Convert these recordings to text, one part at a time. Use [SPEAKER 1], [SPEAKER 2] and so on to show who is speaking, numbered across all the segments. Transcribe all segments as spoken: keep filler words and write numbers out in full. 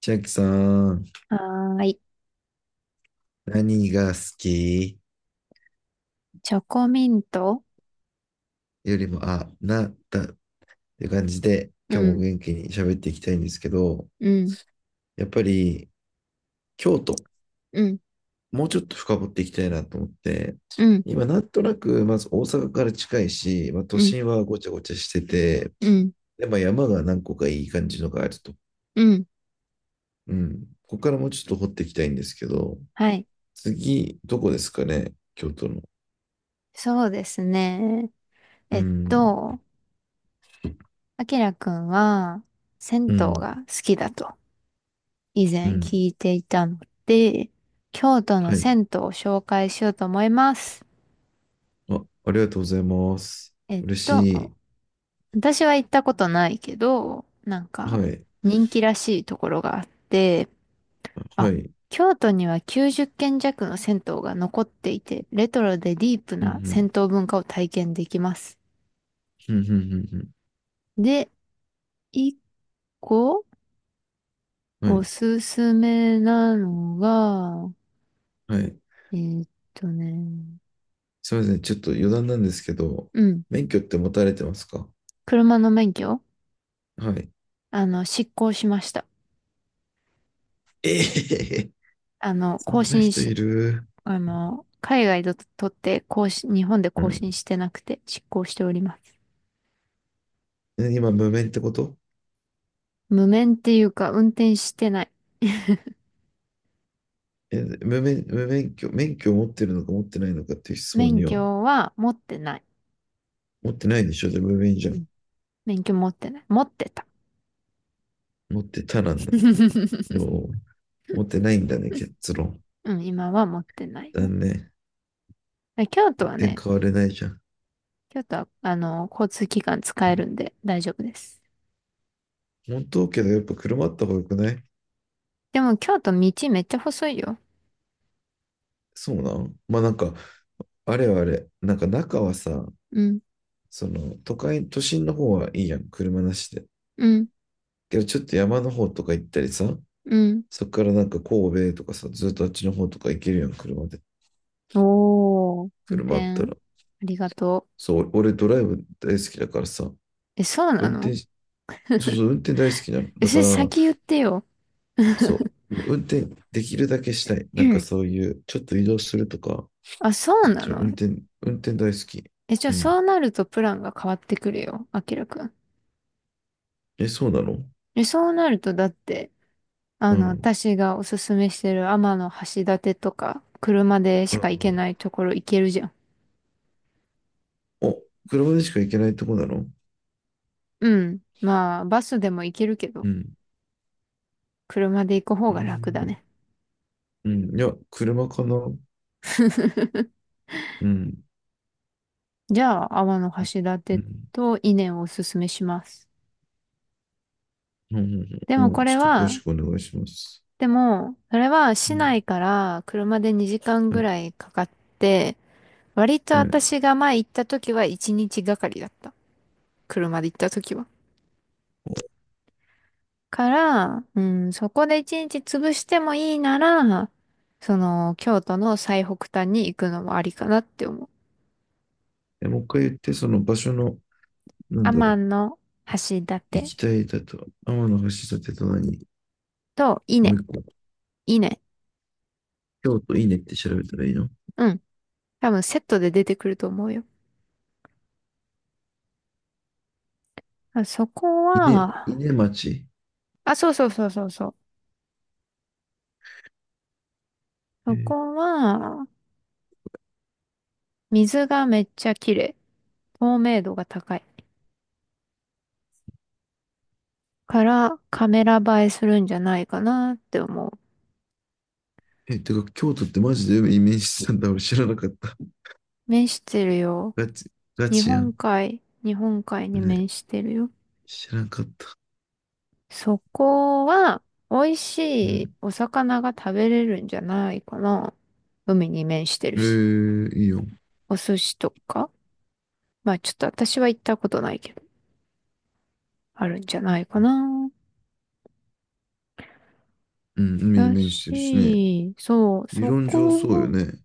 [SPEAKER 1] 千秋さん、
[SPEAKER 2] はーい。
[SPEAKER 1] 何が好き
[SPEAKER 2] チョコミント。
[SPEAKER 1] よりも、あ、な、だって感じで、
[SPEAKER 2] う
[SPEAKER 1] 今日も
[SPEAKER 2] ん、
[SPEAKER 1] 元気に喋っていきたいんですけど、
[SPEAKER 2] うん、
[SPEAKER 1] やっぱり、京都、
[SPEAKER 2] うん、
[SPEAKER 1] もうちょっと深掘っていきたいなと思って、
[SPEAKER 2] うん、
[SPEAKER 1] 今、なんとなく、まず大阪から近いし、まあ、都
[SPEAKER 2] うん、
[SPEAKER 1] 心はごちゃごちゃしてて、
[SPEAKER 2] うん、
[SPEAKER 1] で、まあ、山が何個かいい感じのがあると。
[SPEAKER 2] うん。
[SPEAKER 1] うん。ここからもうちょっと掘っていきたいんですけど、
[SPEAKER 2] はい。
[SPEAKER 1] 次、どこですかね、京都の。
[SPEAKER 2] そうですね。
[SPEAKER 1] う
[SPEAKER 2] えっ
[SPEAKER 1] ん、
[SPEAKER 2] と、あきらくんは、銭湯
[SPEAKER 1] うん、
[SPEAKER 2] が好きだと以
[SPEAKER 1] う
[SPEAKER 2] 前
[SPEAKER 1] ん。
[SPEAKER 2] 聞いていたので、京都の
[SPEAKER 1] はい。
[SPEAKER 2] 銭湯を紹介しようと思います。
[SPEAKER 1] あ、ありがとうございます。
[SPEAKER 2] えっ
[SPEAKER 1] 嬉
[SPEAKER 2] と、
[SPEAKER 1] しい。
[SPEAKER 2] 私は行ったことないけど、なんか
[SPEAKER 1] はい。
[SPEAKER 2] 人気らしいところがあって、
[SPEAKER 1] は
[SPEAKER 2] あ、
[SPEAKER 1] い。
[SPEAKER 2] 京都にはきゅうじゅっけん軒弱の銭湯が残っていて、レトロでディープ
[SPEAKER 1] うんう
[SPEAKER 2] な
[SPEAKER 1] ん。
[SPEAKER 2] 銭湯文化を体験できます。
[SPEAKER 1] うんうんうん
[SPEAKER 2] で、一個
[SPEAKER 1] うん。は
[SPEAKER 2] お
[SPEAKER 1] い。
[SPEAKER 2] すすめなのが、
[SPEAKER 1] はい。
[SPEAKER 2] えーっとね、
[SPEAKER 1] すみません。ちょっと余談なんですけど、
[SPEAKER 2] うん、
[SPEAKER 1] 免許って持たれてますか？
[SPEAKER 2] 車の免許、
[SPEAKER 1] はい。
[SPEAKER 2] あの、失効しました。
[SPEAKER 1] ええへへ。
[SPEAKER 2] あ の、
[SPEAKER 1] そ
[SPEAKER 2] 更
[SPEAKER 1] んな
[SPEAKER 2] 新
[SPEAKER 1] 人い
[SPEAKER 2] し、
[SPEAKER 1] る。
[SPEAKER 2] あの、海外で取って更新、日本で
[SPEAKER 1] う
[SPEAKER 2] 更
[SPEAKER 1] ん。
[SPEAKER 2] 新してなくて失効しております。
[SPEAKER 1] え、今、無免ってこと？
[SPEAKER 2] 無免っていうか、運転してない。
[SPEAKER 1] え、無免、無免許、免許を持ってるのか持ってないのかっていう質問
[SPEAKER 2] 免
[SPEAKER 1] には、
[SPEAKER 2] 許は持ってない。
[SPEAKER 1] 持ってないでしょ。で、じゃあ無免じゃん。
[SPEAKER 2] 免許持ってない。持ってた。
[SPEAKER 1] 持ってたなんだ。で も、持ってないんだね、結論。
[SPEAKER 2] うん、今は持ってない
[SPEAKER 1] だ
[SPEAKER 2] よ。
[SPEAKER 1] ね。
[SPEAKER 2] 京都は
[SPEAKER 1] 全
[SPEAKER 2] ね、
[SPEAKER 1] 然変われないじゃん。
[SPEAKER 2] 京都は、あの、交通機関使えるんで大丈夫です。
[SPEAKER 1] 本当？けど、やっぱ車あった方が良くない？
[SPEAKER 2] でも京都道めっちゃ細いよ。
[SPEAKER 1] そうなん？まあなんか、あれはあれ、なんか中はさ、
[SPEAKER 2] うん、
[SPEAKER 1] その都会、都心の方はいいやん、車なしで。
[SPEAKER 2] うん、
[SPEAKER 1] けどちょっと山の方とか行ったりさ、
[SPEAKER 2] うん。
[SPEAKER 1] そっからなんか神戸とかさ、ずっとあっちの方とか行けるやん、車で。
[SPEAKER 2] おー、運
[SPEAKER 1] 車
[SPEAKER 2] 転、
[SPEAKER 1] あった
[SPEAKER 2] あ
[SPEAKER 1] ら。
[SPEAKER 2] りがと
[SPEAKER 1] そう、俺ドライブ大好きだからさ、
[SPEAKER 2] う。え、そうな
[SPEAKER 1] 運
[SPEAKER 2] の？
[SPEAKER 1] 転し、そうそう、運転大好きなの。
[SPEAKER 2] え、
[SPEAKER 1] だ
[SPEAKER 2] そ
[SPEAKER 1] か
[SPEAKER 2] れ
[SPEAKER 1] ら、
[SPEAKER 2] 先言ってよ。
[SPEAKER 1] そう、もう運転できるだけしたい。なんかそう いう、ちょっと移動するとか、
[SPEAKER 2] あ、そうな
[SPEAKER 1] ちょ、
[SPEAKER 2] の？
[SPEAKER 1] 運転、運転大好き。
[SPEAKER 2] え、じゃ
[SPEAKER 1] う
[SPEAKER 2] あ
[SPEAKER 1] ん。
[SPEAKER 2] そうなるとプランが変わってくるよ、あきらくん。
[SPEAKER 1] え、そうなの？
[SPEAKER 2] え、そうなるとだって、あ
[SPEAKER 1] う
[SPEAKER 2] の、
[SPEAKER 1] ん。
[SPEAKER 2] 私がおすすめしてる天橋立とか、車で
[SPEAKER 1] う
[SPEAKER 2] し
[SPEAKER 1] ん
[SPEAKER 2] か行
[SPEAKER 1] う
[SPEAKER 2] け
[SPEAKER 1] ん。
[SPEAKER 2] ないところ行けるじゃん。
[SPEAKER 1] お、車でしか行けないとこなの？
[SPEAKER 2] うん。まあ、バスでも行けるけど、
[SPEAKER 1] うん。
[SPEAKER 2] 車で行く方
[SPEAKER 1] う
[SPEAKER 2] が楽だ
[SPEAKER 1] ん。
[SPEAKER 2] ね。
[SPEAKER 1] うん。いや、車かな。うん。うん。
[SPEAKER 2] じゃあ、天橋
[SPEAKER 1] う
[SPEAKER 2] 立
[SPEAKER 1] ん。
[SPEAKER 2] と伊根をおすすめします。
[SPEAKER 1] うん。
[SPEAKER 2] でも
[SPEAKER 1] も
[SPEAKER 2] こ
[SPEAKER 1] う
[SPEAKER 2] れ
[SPEAKER 1] ちょっと詳し
[SPEAKER 2] は、
[SPEAKER 1] くお願いします。
[SPEAKER 2] でも、それは
[SPEAKER 1] う
[SPEAKER 2] 市
[SPEAKER 1] ん。
[SPEAKER 2] 内から車でにじかん
[SPEAKER 1] は
[SPEAKER 2] ぐ
[SPEAKER 1] い。
[SPEAKER 2] らいかかって、割と
[SPEAKER 1] はい。
[SPEAKER 2] 私が前行った時はいちにちがかりだった。車で行った時は。から、うん、そこで一日潰してもいいなら、その、京都の最北端に行くのもありかなって思う。
[SPEAKER 1] え、もう一回言って、その場所の、なんだろう。
[SPEAKER 2] 天の橋
[SPEAKER 1] 行
[SPEAKER 2] 立
[SPEAKER 1] きたいだと、天橋立と何？
[SPEAKER 2] と伊
[SPEAKER 1] もう
[SPEAKER 2] 根、
[SPEAKER 1] 一個。
[SPEAKER 2] 伊根、
[SPEAKER 1] 京都稲って調べたらいいの？
[SPEAKER 2] うん。多分セットで出てくると思うよ。あそこ
[SPEAKER 1] 稲、
[SPEAKER 2] は、
[SPEAKER 1] 稲町。
[SPEAKER 2] あ、そうそうそうそうそう。
[SPEAKER 1] え
[SPEAKER 2] そ
[SPEAKER 1] ー。
[SPEAKER 2] こは水がめっちゃ綺麗。透明度が高い。からカメラ映えするんじゃないかなって思う。
[SPEAKER 1] え、てか、京都ってマジでイメージしてたんだ。俺知らなかった。
[SPEAKER 2] 面してるよ。
[SPEAKER 1] ガチ、ガ
[SPEAKER 2] 日
[SPEAKER 1] チや
[SPEAKER 2] 本
[SPEAKER 1] ん。
[SPEAKER 2] 海、日本海に
[SPEAKER 1] ね。
[SPEAKER 2] 面してるよ。
[SPEAKER 1] 知らなかった。
[SPEAKER 2] そこは美味し
[SPEAKER 1] う
[SPEAKER 2] い
[SPEAKER 1] ん。
[SPEAKER 2] お魚が食べれるんじゃないかな。海に面してる
[SPEAKER 1] え
[SPEAKER 2] し。
[SPEAKER 1] え、いいよ。
[SPEAKER 2] お寿司とか。まあちょっと私は行ったことないけど、あるんじゃないかな。
[SPEAKER 1] うん、海に
[SPEAKER 2] だ
[SPEAKER 1] 面してるしね。
[SPEAKER 2] し、そう、
[SPEAKER 1] 理
[SPEAKER 2] そ
[SPEAKER 1] 論上そうよ
[SPEAKER 2] こ、
[SPEAKER 1] ね。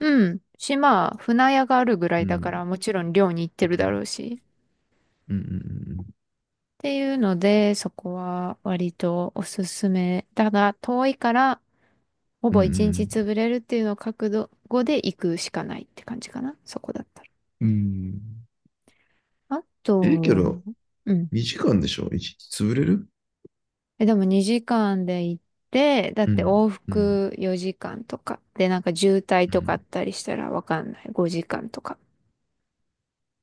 [SPEAKER 2] うん。島、船屋があるぐら
[SPEAKER 1] う
[SPEAKER 2] いだか
[SPEAKER 1] ん。
[SPEAKER 2] ら、もちろん漁に行って
[SPEAKER 1] う
[SPEAKER 2] るだろ
[SPEAKER 1] ん。
[SPEAKER 2] うし。
[SPEAKER 1] うん。
[SPEAKER 2] っていうので、そこは割とおすすめ。ただ、遠いから、ほ
[SPEAKER 1] うん。
[SPEAKER 2] ぼ
[SPEAKER 1] う
[SPEAKER 2] 一日
[SPEAKER 1] ん。
[SPEAKER 2] 潰れるっていうのを覚悟で行くしかないって感じかな。そこだったら。
[SPEAKER 1] うん。
[SPEAKER 2] あ
[SPEAKER 1] ええ、け
[SPEAKER 2] と、
[SPEAKER 1] ど、
[SPEAKER 2] うん。
[SPEAKER 1] にじかんでしょ？ いち 日潰れる？
[SPEAKER 2] え、でもにじかんで行って、だっ
[SPEAKER 1] う
[SPEAKER 2] て
[SPEAKER 1] ん。
[SPEAKER 2] 往
[SPEAKER 1] うん。
[SPEAKER 2] 復よじかんとか。で、なんか渋滞
[SPEAKER 1] う
[SPEAKER 2] とかあっ
[SPEAKER 1] ん。
[SPEAKER 2] たりしたらわかんない。ごじかんとか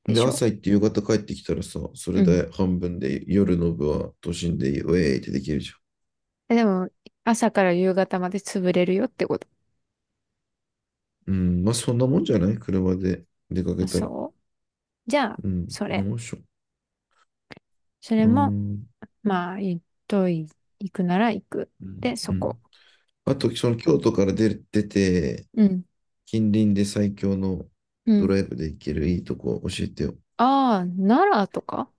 [SPEAKER 2] で
[SPEAKER 1] で、
[SPEAKER 2] しょ？
[SPEAKER 1] 朝行って夕方帰ってきたらさ、そ
[SPEAKER 2] う
[SPEAKER 1] れ
[SPEAKER 2] ん。
[SPEAKER 1] で半分で夜の部は都心でウェーイってできるじゃ
[SPEAKER 2] え、でも、朝から夕方まで潰れるよってこと。
[SPEAKER 1] ん。うん。まあ、そんなもんじゃない、車で出か
[SPEAKER 2] あ、
[SPEAKER 1] けたら。
[SPEAKER 2] そう。じゃあ、
[SPEAKER 1] うん。
[SPEAKER 2] そ
[SPEAKER 1] そんな
[SPEAKER 2] れ。
[SPEAKER 1] もんっしょ。
[SPEAKER 2] それ
[SPEAKER 1] う
[SPEAKER 2] も、
[SPEAKER 1] ん。
[SPEAKER 2] まあ、行っとい、行くなら行く。
[SPEAKER 1] う
[SPEAKER 2] で、
[SPEAKER 1] ん。
[SPEAKER 2] そ
[SPEAKER 1] うん。
[SPEAKER 2] こ。
[SPEAKER 1] あと、その京都から出る、出て、
[SPEAKER 2] うん。
[SPEAKER 1] 近隣で最強の
[SPEAKER 2] う
[SPEAKER 1] ド
[SPEAKER 2] ん。
[SPEAKER 1] ライブで行けるいいとこ教えてよ。
[SPEAKER 2] ああ、奈良とか。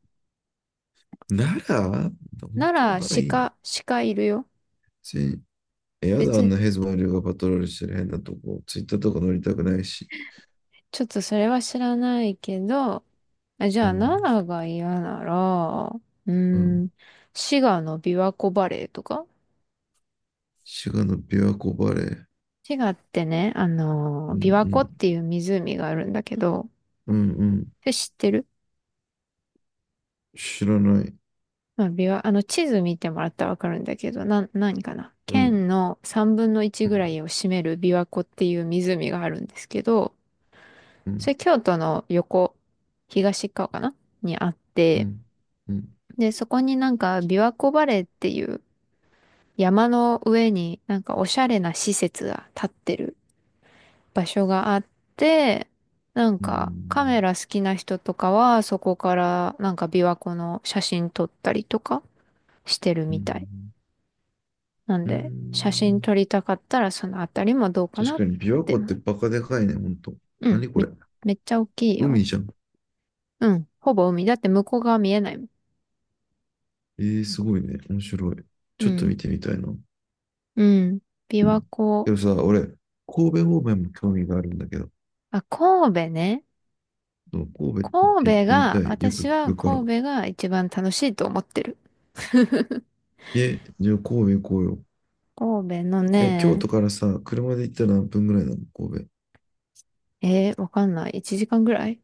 [SPEAKER 1] 奈良？本
[SPEAKER 2] 奈
[SPEAKER 1] 当
[SPEAKER 2] 良、
[SPEAKER 1] 奈良いいの？
[SPEAKER 2] 鹿、鹿いるよ。
[SPEAKER 1] え、やだ、あ
[SPEAKER 2] 別
[SPEAKER 1] ん
[SPEAKER 2] に、
[SPEAKER 1] なヘズマリオがパトロールしてる変なとこ。ツイッターとか乗りたくないし。
[SPEAKER 2] ちょっとそれは知らないけど、あ、じ
[SPEAKER 1] う
[SPEAKER 2] ゃあ、奈
[SPEAKER 1] ん、
[SPEAKER 2] 良が嫌なら、うー
[SPEAKER 1] う
[SPEAKER 2] ん、
[SPEAKER 1] ん。
[SPEAKER 2] 滋賀の琵琶湖バレーとか。
[SPEAKER 1] 滋賀の琵琶湖バレー。
[SPEAKER 2] 滋賀ってね、あ
[SPEAKER 1] う
[SPEAKER 2] のー、琵琶湖
[SPEAKER 1] ん、
[SPEAKER 2] っていう湖があるんだけど、
[SPEAKER 1] うん、うん、うん。
[SPEAKER 2] それ知ってる？
[SPEAKER 1] 知らない。
[SPEAKER 2] まあ、琵琶、あの、地図見てもらったらわかるんだけど、な、何かな
[SPEAKER 1] う
[SPEAKER 2] 県
[SPEAKER 1] ん、
[SPEAKER 2] のさんぶんのいち
[SPEAKER 1] う
[SPEAKER 2] ぐら
[SPEAKER 1] ん、
[SPEAKER 2] いを占める琵琶湖っていう湖があるんですけど、
[SPEAKER 1] う
[SPEAKER 2] そ
[SPEAKER 1] ん、
[SPEAKER 2] れ京都の横、東側かなにあっ
[SPEAKER 1] う
[SPEAKER 2] て、
[SPEAKER 1] ん、うん、
[SPEAKER 2] で、そこになんか琵琶湖バレーっていう山の上になんかおしゃれな施設が建ってる場所があって、なん
[SPEAKER 1] う
[SPEAKER 2] かカメ
[SPEAKER 1] ん、
[SPEAKER 2] ラ好きな人とかはそこからなんか琵琶湖の写真撮ったりとかしてる
[SPEAKER 1] う
[SPEAKER 2] みたい。
[SPEAKER 1] ん。
[SPEAKER 2] なん
[SPEAKER 1] う
[SPEAKER 2] で写真
[SPEAKER 1] ん。
[SPEAKER 2] 撮りたかったらそのあたりもどうかな
[SPEAKER 1] 確
[SPEAKER 2] っ
[SPEAKER 1] かに琵琶
[SPEAKER 2] て。
[SPEAKER 1] 湖ってバカでかいね、ほんと。
[SPEAKER 2] うん、
[SPEAKER 1] 何こ
[SPEAKER 2] め、
[SPEAKER 1] れ？
[SPEAKER 2] めっちゃ大きいよ。
[SPEAKER 1] 海じゃん。
[SPEAKER 2] うん、ほぼ海。だって向こう側見えないもん。
[SPEAKER 1] ええ、すごいね。面白い。
[SPEAKER 2] う
[SPEAKER 1] ちょっと
[SPEAKER 2] ん、
[SPEAKER 1] 見てみたいな。
[SPEAKER 2] うん。琵琶湖。
[SPEAKER 1] でもさ、俺、神戸方面も興味があるんだけど、
[SPEAKER 2] あ、神戸ね。
[SPEAKER 1] そう、神戸っ
[SPEAKER 2] 神
[SPEAKER 1] て行っ
[SPEAKER 2] 戸
[SPEAKER 1] てみた
[SPEAKER 2] が、
[SPEAKER 1] い。よく
[SPEAKER 2] 私
[SPEAKER 1] 聞
[SPEAKER 2] は
[SPEAKER 1] くから。
[SPEAKER 2] 神戸が一番楽しいと思ってる。
[SPEAKER 1] え、じゃあ神戸行こうよ。
[SPEAKER 2] 神戸の
[SPEAKER 1] え、京
[SPEAKER 2] ね、
[SPEAKER 1] 都からさ、車で行ったら何分ぐらいなの、神戸。
[SPEAKER 2] えー、わかんない。いちじかんぐらい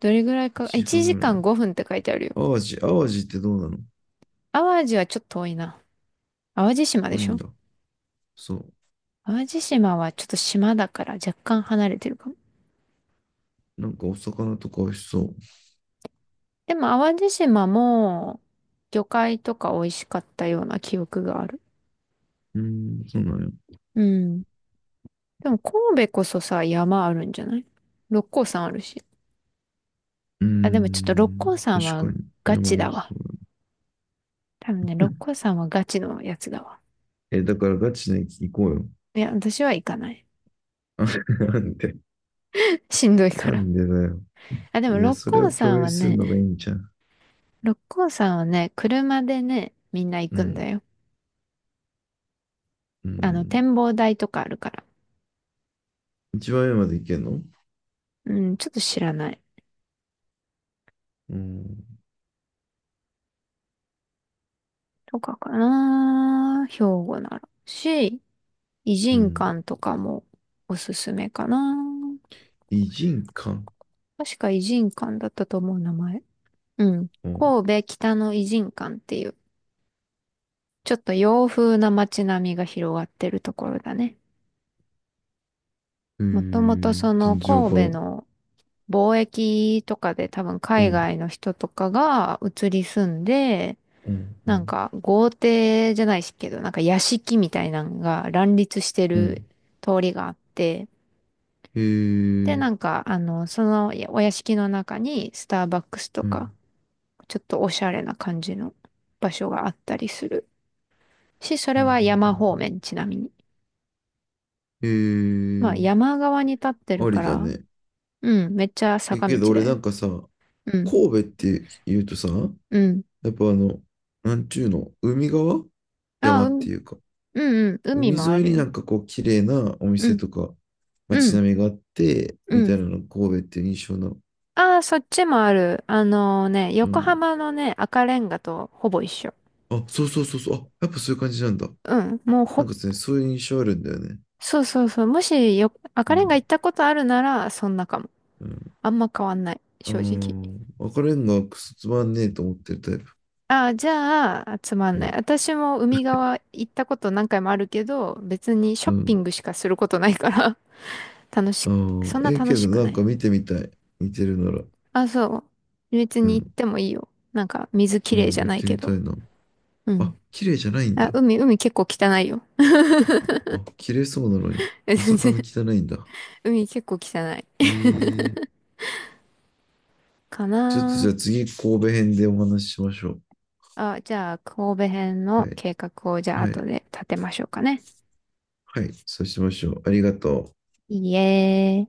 [SPEAKER 2] どれぐらいか、
[SPEAKER 1] 1時
[SPEAKER 2] 1
[SPEAKER 1] 間ぐらい。
[SPEAKER 2] 時間ごふんって書いてあるよ。
[SPEAKER 1] 淡路、淡路ってどうなの？
[SPEAKER 2] 淡路はちょっと遠いな。淡路島で
[SPEAKER 1] 遠い
[SPEAKER 2] し
[SPEAKER 1] ん
[SPEAKER 2] ょ？
[SPEAKER 1] だ。そう。
[SPEAKER 2] 淡路島はちょっと島だから若干離れてるかも。
[SPEAKER 1] なんかお魚とか美味しそう。
[SPEAKER 2] でも淡路島も魚介とか美味しかったような記憶がある。
[SPEAKER 1] うーん、そうなんや。
[SPEAKER 2] うん。でも神戸こそさ、山あるんじゃない？六甲山あるし。
[SPEAKER 1] うー
[SPEAKER 2] あ、でもちょっと六甲
[SPEAKER 1] ん、
[SPEAKER 2] 山
[SPEAKER 1] 確
[SPEAKER 2] は
[SPEAKER 1] かに。
[SPEAKER 2] ガ
[SPEAKER 1] 山
[SPEAKER 2] チ
[SPEAKER 1] も美
[SPEAKER 2] だ
[SPEAKER 1] 味し
[SPEAKER 2] わ。
[SPEAKER 1] そうだ。
[SPEAKER 2] 多分ね、六甲山はガチのやつだわ。
[SPEAKER 1] え、だからガチで行こうよ。
[SPEAKER 2] いや、私は行かない。
[SPEAKER 1] なんで、
[SPEAKER 2] しんどいか
[SPEAKER 1] な
[SPEAKER 2] ら。
[SPEAKER 1] んでだよ。
[SPEAKER 2] あ、でも
[SPEAKER 1] いや、
[SPEAKER 2] 六
[SPEAKER 1] それ
[SPEAKER 2] 甲
[SPEAKER 1] を共
[SPEAKER 2] 山
[SPEAKER 1] 有
[SPEAKER 2] は
[SPEAKER 1] するのがいい
[SPEAKER 2] ね、
[SPEAKER 1] んじゃん。
[SPEAKER 2] 六甲山はね、車でね、みんな行
[SPEAKER 1] う
[SPEAKER 2] くんだ
[SPEAKER 1] ん。
[SPEAKER 2] よ。
[SPEAKER 1] う
[SPEAKER 2] あの、
[SPEAKER 1] ん。
[SPEAKER 2] 展望台とかあるから。
[SPEAKER 1] 一番上までいけんの？
[SPEAKER 2] うん、ちょっと知らない。
[SPEAKER 1] うん。
[SPEAKER 2] とかかな。兵庫なら。し、異
[SPEAKER 1] う
[SPEAKER 2] 人
[SPEAKER 1] ん。
[SPEAKER 2] 館とかもおすすめかな。
[SPEAKER 1] 偉人館。
[SPEAKER 2] 確か異人館だったと思う名前。うん。
[SPEAKER 1] うん。
[SPEAKER 2] 神戸北の異人館っていう、ちょっと洋風な街並みが広がってるところだね。
[SPEAKER 1] へ
[SPEAKER 2] もともと
[SPEAKER 1] え、
[SPEAKER 2] その
[SPEAKER 1] 全然わから
[SPEAKER 2] 神戸
[SPEAKER 1] ん。
[SPEAKER 2] の貿易とかで多分
[SPEAKER 1] う
[SPEAKER 2] 海
[SPEAKER 1] ん。
[SPEAKER 2] 外の人とかが移り住んで、
[SPEAKER 1] うん。う
[SPEAKER 2] なん
[SPEAKER 1] ん。
[SPEAKER 2] か豪邸じゃないしけど、なんか屋敷みたいなのが乱立して
[SPEAKER 1] う
[SPEAKER 2] る
[SPEAKER 1] ん。
[SPEAKER 2] 通りがあって、
[SPEAKER 1] へ
[SPEAKER 2] で、
[SPEAKER 1] え、
[SPEAKER 2] なんかあの、そのお屋敷の中にスターバックスと
[SPEAKER 1] うん。う
[SPEAKER 2] か、
[SPEAKER 1] ん。
[SPEAKER 2] ちょっとおしゃれな感じの場所があったりするし、そ
[SPEAKER 1] う
[SPEAKER 2] れ
[SPEAKER 1] んうんう
[SPEAKER 2] は山方
[SPEAKER 1] ん。
[SPEAKER 2] 面ちなみに。
[SPEAKER 1] へ
[SPEAKER 2] まあ
[SPEAKER 1] え、
[SPEAKER 2] 山側に立ってる
[SPEAKER 1] あ
[SPEAKER 2] か
[SPEAKER 1] りだ
[SPEAKER 2] ら、
[SPEAKER 1] ね。
[SPEAKER 2] うん、めっちゃ
[SPEAKER 1] え、
[SPEAKER 2] 坂
[SPEAKER 1] け
[SPEAKER 2] 道
[SPEAKER 1] ど俺
[SPEAKER 2] だ
[SPEAKER 1] な
[SPEAKER 2] よ。
[SPEAKER 1] んかさ、
[SPEAKER 2] うん、
[SPEAKER 1] 神戸って言うとさ、
[SPEAKER 2] うん。
[SPEAKER 1] やっぱあの、なんちゅうの、海側？
[SPEAKER 2] あ、
[SPEAKER 1] 山
[SPEAKER 2] う
[SPEAKER 1] っ
[SPEAKER 2] ん、
[SPEAKER 1] ていうか、
[SPEAKER 2] うん、うん、海
[SPEAKER 1] 海沿
[SPEAKER 2] もある
[SPEAKER 1] いにな
[SPEAKER 2] よ。
[SPEAKER 1] んかこう、綺麗なお
[SPEAKER 2] う
[SPEAKER 1] 店
[SPEAKER 2] ん、
[SPEAKER 1] とか、
[SPEAKER 2] う
[SPEAKER 1] 街
[SPEAKER 2] ん、
[SPEAKER 1] 並みがあって、
[SPEAKER 2] う
[SPEAKER 1] みた
[SPEAKER 2] ん。
[SPEAKER 1] いなのが神戸っていう印象の。
[SPEAKER 2] ああ、そっちもある。あのね、
[SPEAKER 1] う
[SPEAKER 2] 横
[SPEAKER 1] ん。
[SPEAKER 2] 浜のね、赤レンガとほぼ一緒。
[SPEAKER 1] あ、そうそうそうそう。あ、やっぱそういう感じなんだ。
[SPEAKER 2] うん、もう
[SPEAKER 1] なん
[SPEAKER 2] ほ、
[SPEAKER 1] かですね、そういう印象あるんだよね。
[SPEAKER 2] そうそうそう。もしよ、
[SPEAKER 1] う
[SPEAKER 2] 赤レンガ
[SPEAKER 1] ん。
[SPEAKER 2] 行ったことあるなら、そんなかも。
[SPEAKER 1] う
[SPEAKER 2] あんま変わんない、正直。
[SPEAKER 1] ん。ああ、赤レンガがクソつまんねえと思ってるタイプ。
[SPEAKER 2] ああ、じゃあ、つまん
[SPEAKER 1] う
[SPEAKER 2] ない。
[SPEAKER 1] ん。
[SPEAKER 2] 私も海側行ったこと何回もあるけど、別にショッピング
[SPEAKER 1] う
[SPEAKER 2] しかすることないから、楽し、
[SPEAKER 1] ん。あ
[SPEAKER 2] そん
[SPEAKER 1] あ、
[SPEAKER 2] な
[SPEAKER 1] ええ、
[SPEAKER 2] 楽
[SPEAKER 1] け
[SPEAKER 2] し
[SPEAKER 1] ど
[SPEAKER 2] く
[SPEAKER 1] な
[SPEAKER 2] な
[SPEAKER 1] ん
[SPEAKER 2] い。
[SPEAKER 1] か見てみたい。似てるなら。
[SPEAKER 2] あ、そう。別
[SPEAKER 1] う
[SPEAKER 2] に行っ
[SPEAKER 1] ん。
[SPEAKER 2] てもいいよ。なんか、水き
[SPEAKER 1] う
[SPEAKER 2] れい
[SPEAKER 1] ん。
[SPEAKER 2] じゃ
[SPEAKER 1] 行っ
[SPEAKER 2] ない
[SPEAKER 1] て
[SPEAKER 2] け
[SPEAKER 1] みた
[SPEAKER 2] ど。
[SPEAKER 1] いな。
[SPEAKER 2] う
[SPEAKER 1] あ、
[SPEAKER 2] ん。
[SPEAKER 1] 綺麗じゃないんだ。
[SPEAKER 2] あ、海、海結構汚いよ。
[SPEAKER 1] あ、綺麗そうなのに。まさかの 汚いんだ。
[SPEAKER 2] 海結構汚い
[SPEAKER 1] ええ。
[SPEAKER 2] か
[SPEAKER 1] ちょっとじゃ
[SPEAKER 2] な
[SPEAKER 1] あ次、神戸編でお話ししましょう。
[SPEAKER 2] あ。じゃあ、神戸編
[SPEAKER 1] は
[SPEAKER 2] の
[SPEAKER 1] い。
[SPEAKER 2] 計画をじゃあ
[SPEAKER 1] は
[SPEAKER 2] 後
[SPEAKER 1] い。
[SPEAKER 2] で立てましょうかね。
[SPEAKER 1] はい。そうしましょう。ありがとう。
[SPEAKER 2] いいえ。